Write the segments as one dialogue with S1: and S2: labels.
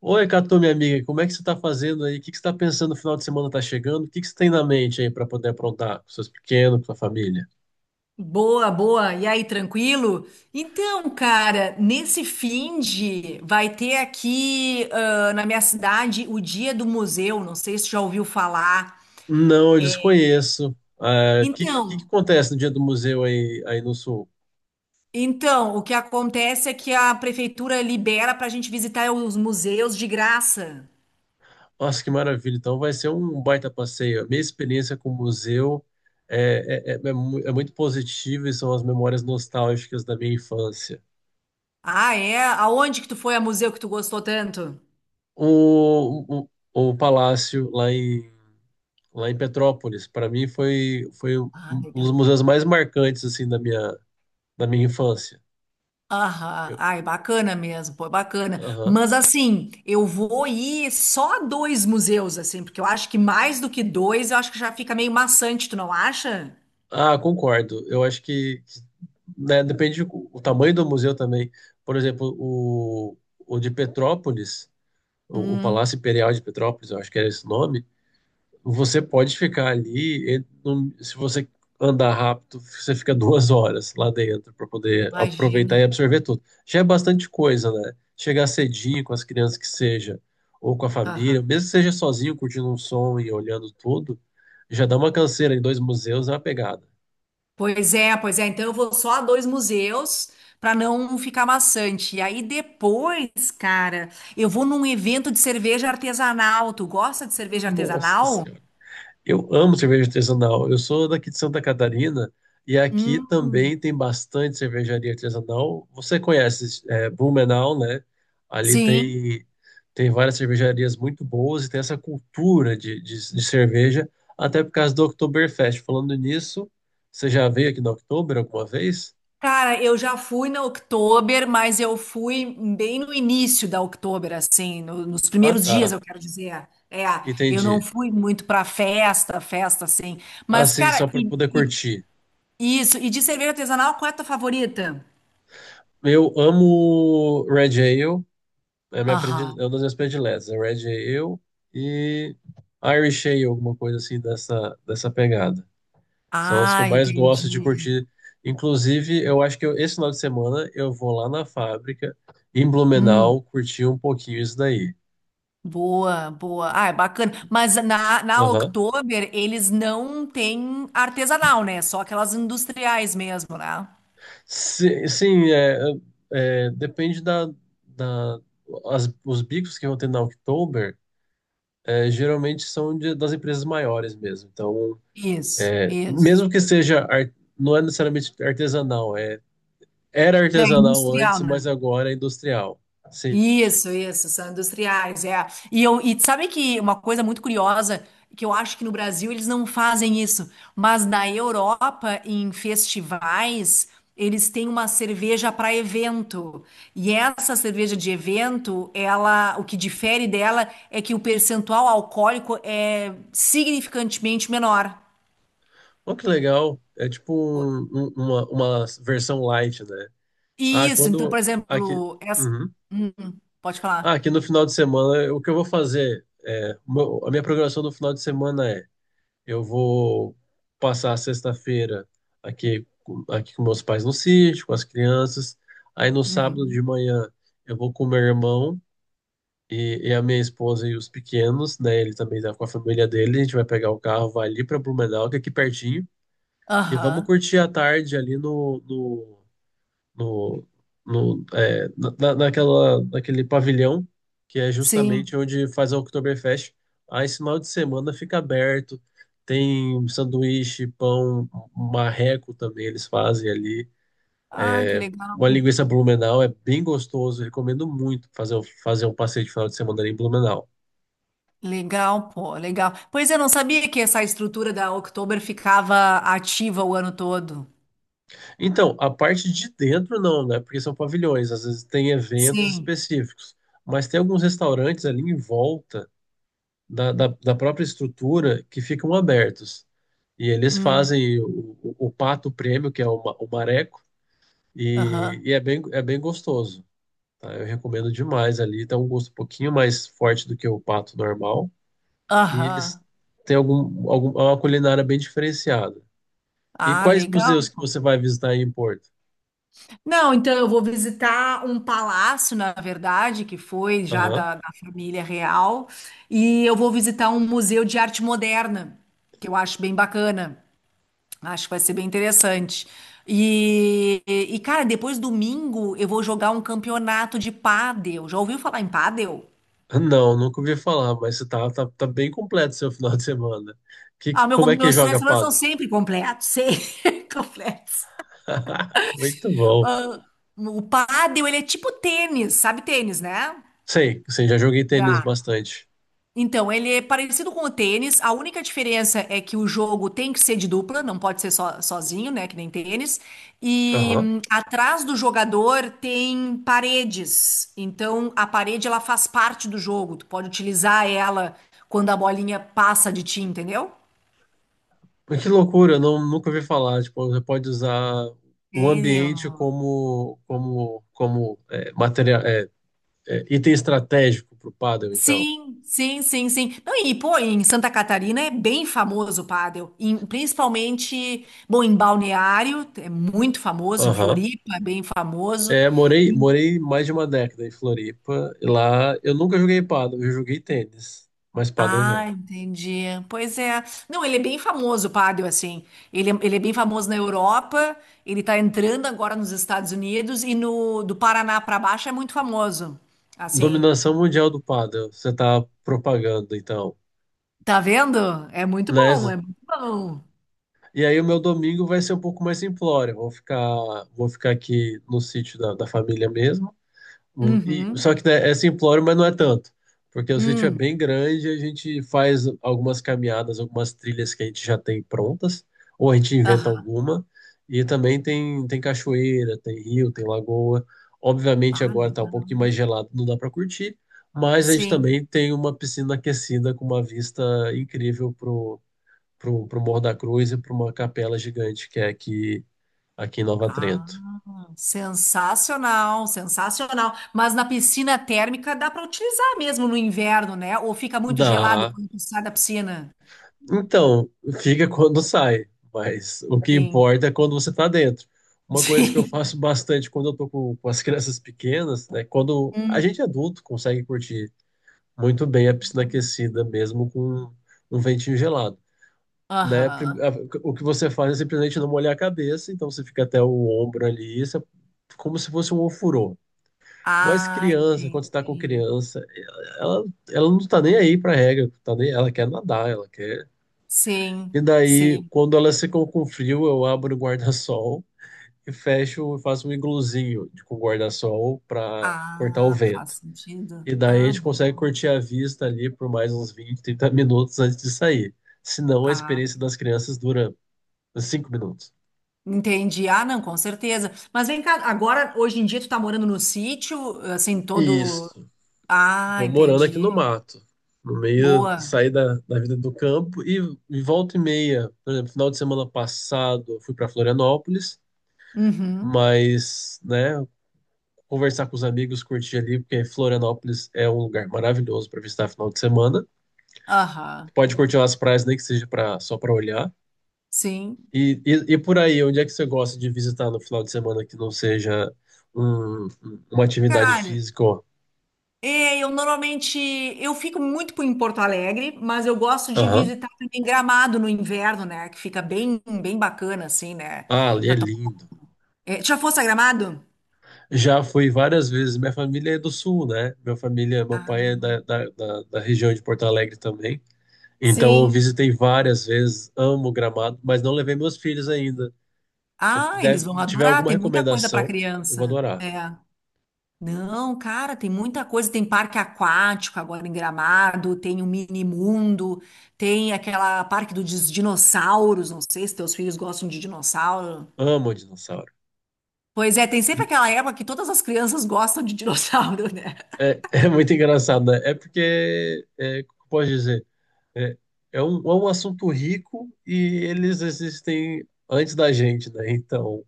S1: Oi, Catu, minha amiga, como é que você está fazendo aí? O que que você está pensando no final de semana está chegando? O que que você tem na mente aí para poder aprontar com seus pequenos, com sua família?
S2: Boa, boa. E aí, tranquilo? Então, cara, nesse fim de vai ter aqui na minha cidade o Dia do Museu. Não sei se já ouviu falar.
S1: Não, eu
S2: É,
S1: desconheço. Ah, o que, que
S2: Então,
S1: acontece no dia do museu aí, no Sul?
S2: então, o que acontece é que a prefeitura libera para a gente visitar os museus de graça.
S1: Nossa, que maravilha! Então vai ser um baita passeio. A minha experiência com o museu é muito positiva e são as memórias nostálgicas da minha infância.
S2: Ah, é? Aonde que tu foi a museu que tu gostou tanto?
S1: O, o, o palácio lá em Petrópolis. Para mim foi, foi um
S2: Ah,
S1: um dos
S2: legal.
S1: museus mais marcantes assim da minha infância.
S2: Aham,
S1: Eu-
S2: ai, bacana mesmo, pô, bacana.
S1: aham.
S2: Mas assim, eu vou ir só a dois museus, assim, porque eu acho que mais do que dois, eu acho que já fica meio maçante, tu não acha?
S1: Concordo. Eu acho que, né, depende do o tamanho do museu também. Por exemplo, o de Petrópolis, o
S2: Hum,
S1: Palácio Imperial de Petrópolis, eu acho que era esse o nome. Você pode ficar ali, e se você andar rápido, você fica 2 horas lá dentro para poder
S2: imagina.
S1: aproveitar e absorver tudo. Já é bastante coisa, né? Chegar cedinho com as crianças que seja, ou com a família,
S2: Aham.
S1: mesmo que seja sozinho, curtindo um som e olhando tudo, já dá uma canseira em dois museus, é uma pegada.
S2: Pois é, pois é. Então eu vou só a dois museus para não ficar maçante. E aí depois, cara, eu vou num evento de cerveja artesanal. Tu gosta de cerveja
S1: Nossa,
S2: artesanal?
S1: eu amo cerveja artesanal. Eu sou daqui de Santa Catarina e aqui também
S2: Hum,
S1: tem bastante cervejaria artesanal. Você conhece, Blumenau, né? Ali
S2: sim.
S1: tem, tem várias cervejarias muito boas e tem essa cultura de cerveja, até por causa do Oktoberfest. Falando nisso, você já veio aqui no Oktober alguma vez?
S2: Cara, eu já fui na Oktober, mas eu fui bem no início da Oktober, assim, nos
S1: Ah,
S2: primeiros dias,
S1: tá.
S2: eu quero dizer. É, eu não
S1: Entendi.
S2: fui muito pra festa, festa, assim. Mas,
S1: Assim,
S2: cara,
S1: só para poder curtir.
S2: isso, e de cerveja artesanal, qual é a tua favorita?
S1: Eu amo Red Ale. Minha predile... é uma
S2: Aham.
S1: das minhas prediletas. É Red Ale e Irish Ale, alguma coisa assim dessa, dessa pegada. São as que eu
S2: Ah,
S1: mais gosto de
S2: entendi.
S1: curtir. Inclusive, eu acho que esse final de semana eu vou lá na fábrica, em
S2: Hum,
S1: Blumenau, curtir um pouquinho isso daí.
S2: boa, boa. Ah, é bacana. Mas na
S1: Aham.
S2: Oktober, eles não têm artesanal, né? É só aquelas industriais mesmo, né?
S1: Sim, depende da os bicos que vão ter na Oktober, geralmente são das empresas maiores mesmo. Então,
S2: Isso,
S1: é,
S2: isso.
S1: mesmo que seja, não é necessariamente artesanal, é, era
S2: É
S1: artesanal
S2: industrial,
S1: antes, mas
S2: né?
S1: agora é industrial.
S2: Isso, são industriais, é. E sabe que uma coisa muito curiosa, que eu acho que no Brasil eles não fazem isso, mas na Europa, em festivais, eles têm uma cerveja para evento. E essa cerveja de evento, ela, o que difere dela é que o percentual alcoólico é significantemente menor.
S1: Olha que legal, é tipo uma versão light, né? Ah,
S2: Isso, então, por
S1: aqui,
S2: exemplo, essa...
S1: uhum.
S2: Hum, pode
S1: Ah,
S2: falar.
S1: aqui no final de semana, o que eu vou fazer? É, a minha programação no final de semana é, eu vou passar a sexta-feira aqui, aqui com meus pais no sítio, com as crianças. Aí no sábado de
S2: Uhum.
S1: manhã eu vou com meu irmão e a minha esposa e os pequenos, né? Ele também tá com a família dele. A gente vai pegar o carro, vai ali pra Blumenau, que é aqui pertinho. E vamos
S2: Aham,
S1: curtir a tarde ali no, no- é, naquele pavilhão, que é justamente
S2: Sim.
S1: onde faz a Oktoberfest. Aí esse final de semana fica aberto. Tem sanduíche, pão, marreco também eles fazem ali.
S2: Ah, que legal.
S1: Uma linguiça Blumenau é bem gostoso. Recomendo muito fazer, fazer um passeio de final de semana ali em Blumenau.
S2: Legal, pô, legal. Pois eu não sabia que essa estrutura da Oktober ficava ativa o ano todo.
S1: Então, a parte de dentro não, né? Porque são pavilhões, às vezes tem eventos
S2: Sim.
S1: específicos, mas tem alguns restaurantes ali em volta da própria estrutura que ficam abertos. E eles
S2: Hum.
S1: fazem o pato prêmio, que é o, o mareco,
S2: Aham.
S1: e é bem gostoso. Tá? Eu recomendo demais ali. Tem um gosto um pouquinho mais forte do que o pato normal. E eles
S2: Aham.
S1: têm algum, é uma culinária bem diferenciada. E
S2: Ah,
S1: quais
S2: legal.
S1: museus que você vai visitar aí em Porto?
S2: Não, então eu vou visitar um palácio, na verdade, que foi já
S1: Aham.
S2: da família real, e eu vou visitar um museu de arte moderna, que eu acho bem bacana. Acho que vai ser bem interessante. Cara, depois domingo eu vou jogar um campeonato de pádel. Já ouviu falar em pádel?
S1: Não, nunca ouvi falar, mas tá bem completo seu final de semana. Que,
S2: Ah, meu,
S1: como é que
S2: meus
S1: joga
S2: sonhos são
S1: pádel?
S2: sempre completos, sempre completos.
S1: Muito bom.
S2: Ah, o pádel, ele é tipo tênis, sabe tênis, né?
S1: Sei, sei, já joguei tênis
S2: Tá.
S1: bastante.
S2: Então, ele é parecido com o tênis, a única diferença é que o jogo tem que ser de dupla, não pode ser só, sozinho, né, que nem tênis. E
S1: Aham.
S2: atrás do jogador tem paredes, então a parede ela faz parte do jogo, tu pode utilizar ela quando a bolinha passa de ti, entendeu?
S1: Mas que loucura, eu não, nunca ouvi falar. Tipo, você pode usar o
S2: Entendeu?
S1: ambiente como é, material, item estratégico para o pádel, então.
S2: Sim, sim, sim, sim. Não, e, pô, em Santa Catarina é bem famoso o pádel, principalmente, bom, em Balneário, é muito famoso, em
S1: Aham.
S2: Floripa é bem famoso.
S1: É, morei, morei mais de uma década em Floripa. E lá eu nunca joguei pádel, eu joguei tênis, mas pádel
S2: Ah,
S1: não.
S2: entendi. Pois é. Não, ele é bem famoso o pádel, assim. Ele é bem famoso na Europa, ele tá entrando agora nos Estados Unidos e no do Paraná pra baixo é muito famoso. Assim,
S1: Dominação mundial do pádel, você tá propagando, então,
S2: tá vendo? É muito
S1: né?
S2: bom, é muito bom.
S1: E aí o meu domingo vai ser um pouco mais simplório. Vou ficar aqui no sítio da família mesmo.
S2: Uhum.
S1: Só que né, é simplório, mas não é tanto. Porque o sítio é
S2: Hum.
S1: bem grande, a gente faz algumas caminhadas, algumas trilhas que a gente já tem prontas, ou a gente inventa
S2: Aham.
S1: alguma. E também tem, tem cachoeira, tem rio, tem lagoa. Obviamente
S2: Ah,
S1: agora tá um
S2: legal.
S1: pouquinho mais gelado, não dá para curtir, mas a gente
S2: Sim.
S1: também tem uma piscina aquecida com uma vista incrível pro Morro da Cruz e para uma capela gigante que é aqui, aqui em Nova
S2: Ah,
S1: Trento.
S2: sensacional, sensacional. Mas na piscina térmica dá para utilizar mesmo no inverno, né? Ou fica muito gelado
S1: Dá.
S2: quando tu sai da piscina?
S1: Então, fica quando sai, mas o que
S2: Sim,
S1: importa é quando você está dentro. Uma coisa que eu faço
S2: sim.
S1: bastante quando eu tô com as crianças pequenas, né? Quando a
S2: Hum,
S1: gente é adulto consegue curtir muito bem a piscina aquecida, mesmo com um ventinho gelado, né?
S2: Aham.
S1: O que você faz é simplesmente não molhar a cabeça, então você fica até o ombro ali, isso é como se fosse um ofurô. Mas
S2: Ah,
S1: criança, quando você tá com
S2: entendi.
S1: criança, ela, ela não tá nem aí pra regra, tá nem, ela quer nadar, ela quer.
S2: Sim,
S1: E daí,
S2: sim.
S1: quando elas ficam com frio, eu abro o guarda-sol e fecho e faço um igluzinho com guarda-sol para cortar o
S2: Ah,
S1: vento.
S2: faz sentido.
S1: E daí a
S2: Ah,
S1: gente
S2: bom.
S1: consegue curtir a vista ali por mais uns 20, 30 minutos antes de sair. Senão a
S2: Ah,
S1: experiência das crianças dura 5 minutos.
S2: entendi. Ah, não, com certeza. Mas vem cá, agora, hoje em dia, tu tá morando no sítio, assim, todo.
S1: Isso.
S2: Ah,
S1: Estou morando aqui no
S2: entendi.
S1: mato, no meio,
S2: Boa.
S1: saí da vida do campo e volta e meia. Por exemplo, final de semana passado eu fui para Florianópolis,
S2: Uhum.
S1: mas, né, conversar com os amigos, curtir ali, porque Florianópolis é um lugar maravilhoso para visitar final de semana.
S2: Aham,
S1: Pode curtir as praias, nem que seja pra, só para olhar.
S2: sim.
S1: E por aí, onde é que você gosta de visitar no final de semana que não seja uma atividade
S2: Cara,
S1: física? Ó?
S2: é, eu normalmente eu fico muito em Porto Alegre, mas eu gosto de
S1: Aham.
S2: visitar também Gramado no inverno, né? Que fica bem, bem bacana, assim, né?
S1: Ah, ali é
S2: Pra tomar...
S1: lindo.
S2: É, já fosse a Gramado?
S1: Já fui várias vezes. Minha família é do sul, né? Minha família, meu pai é
S2: Ah,
S1: da região de Porto Alegre também. Então eu
S2: sim.
S1: visitei várias vezes, amo Gramado, mas não levei meus filhos ainda. Se você
S2: Ah, eles
S1: puder,
S2: vão
S1: tiver
S2: adorar,
S1: alguma
S2: tem muita coisa para
S1: recomendação, eu vou
S2: criança.
S1: adorar.
S2: É. Não, cara, tem muita coisa. Tem parque aquático agora em Gramado, tem o Mini Mundo, tem aquela parque dos dinossauros. Não sei se teus filhos gostam de dinossauro.
S1: Amo dinossauro.
S2: Pois é, tem sempre aquela época que todas as crianças gostam de dinossauro, né?
S1: É, é muito engraçado, né? É porque, é, como pode dizer, é, é um assunto rico e eles existem antes da gente, né? Então,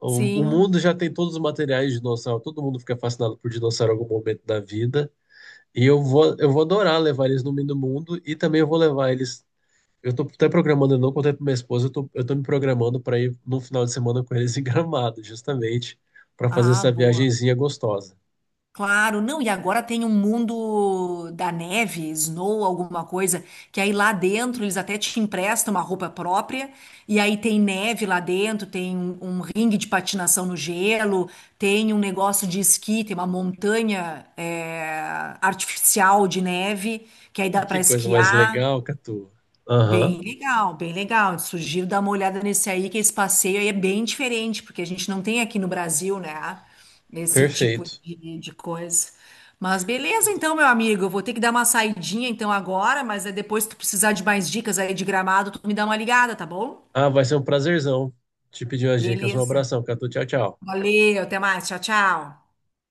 S1: o
S2: Sim.
S1: mundo já tem todos os materiais de dinossauro, todo mundo fica fascinado por dinossauro em algum momento da vida. E eu vou adorar levar eles no meio do mundo e também eu vou levar eles. Eu tô até programando, eu não contei pra minha esposa, eu tô me programando para ir no final de semana com eles em Gramado, justamente, para fazer
S2: Ah,
S1: essa
S2: boa.
S1: viagenzinha gostosa.
S2: Claro, não, e agora tem um mundo da neve, snow, alguma coisa, que aí lá dentro eles até te emprestam uma roupa própria, e aí tem neve lá dentro, tem um ringue de patinação no gelo, tem um negócio de esqui, tem uma montanha artificial de neve, que aí
S1: E
S2: dá para
S1: que coisa mais
S2: esquiar.
S1: legal, Catu. Aham,
S2: Bem legal, bem legal. Sugiro dar uma olhada nesse aí, que esse passeio aí é bem diferente, porque a gente não tem aqui no Brasil, né? Esse tipo
S1: perfeito.
S2: de coisa. Mas beleza, então, meu amigo, eu vou ter que dar uma saidinha então agora, mas aí depois se tu precisar de mais dicas aí de Gramado, tu me dá uma ligada, tá bom?
S1: Ah, vai ser um prazerzão te pedir umas dicas. Um
S2: Beleza.
S1: abração, Catu. Tchau, tchau.
S2: Valeu, até mais. Tchau, tchau.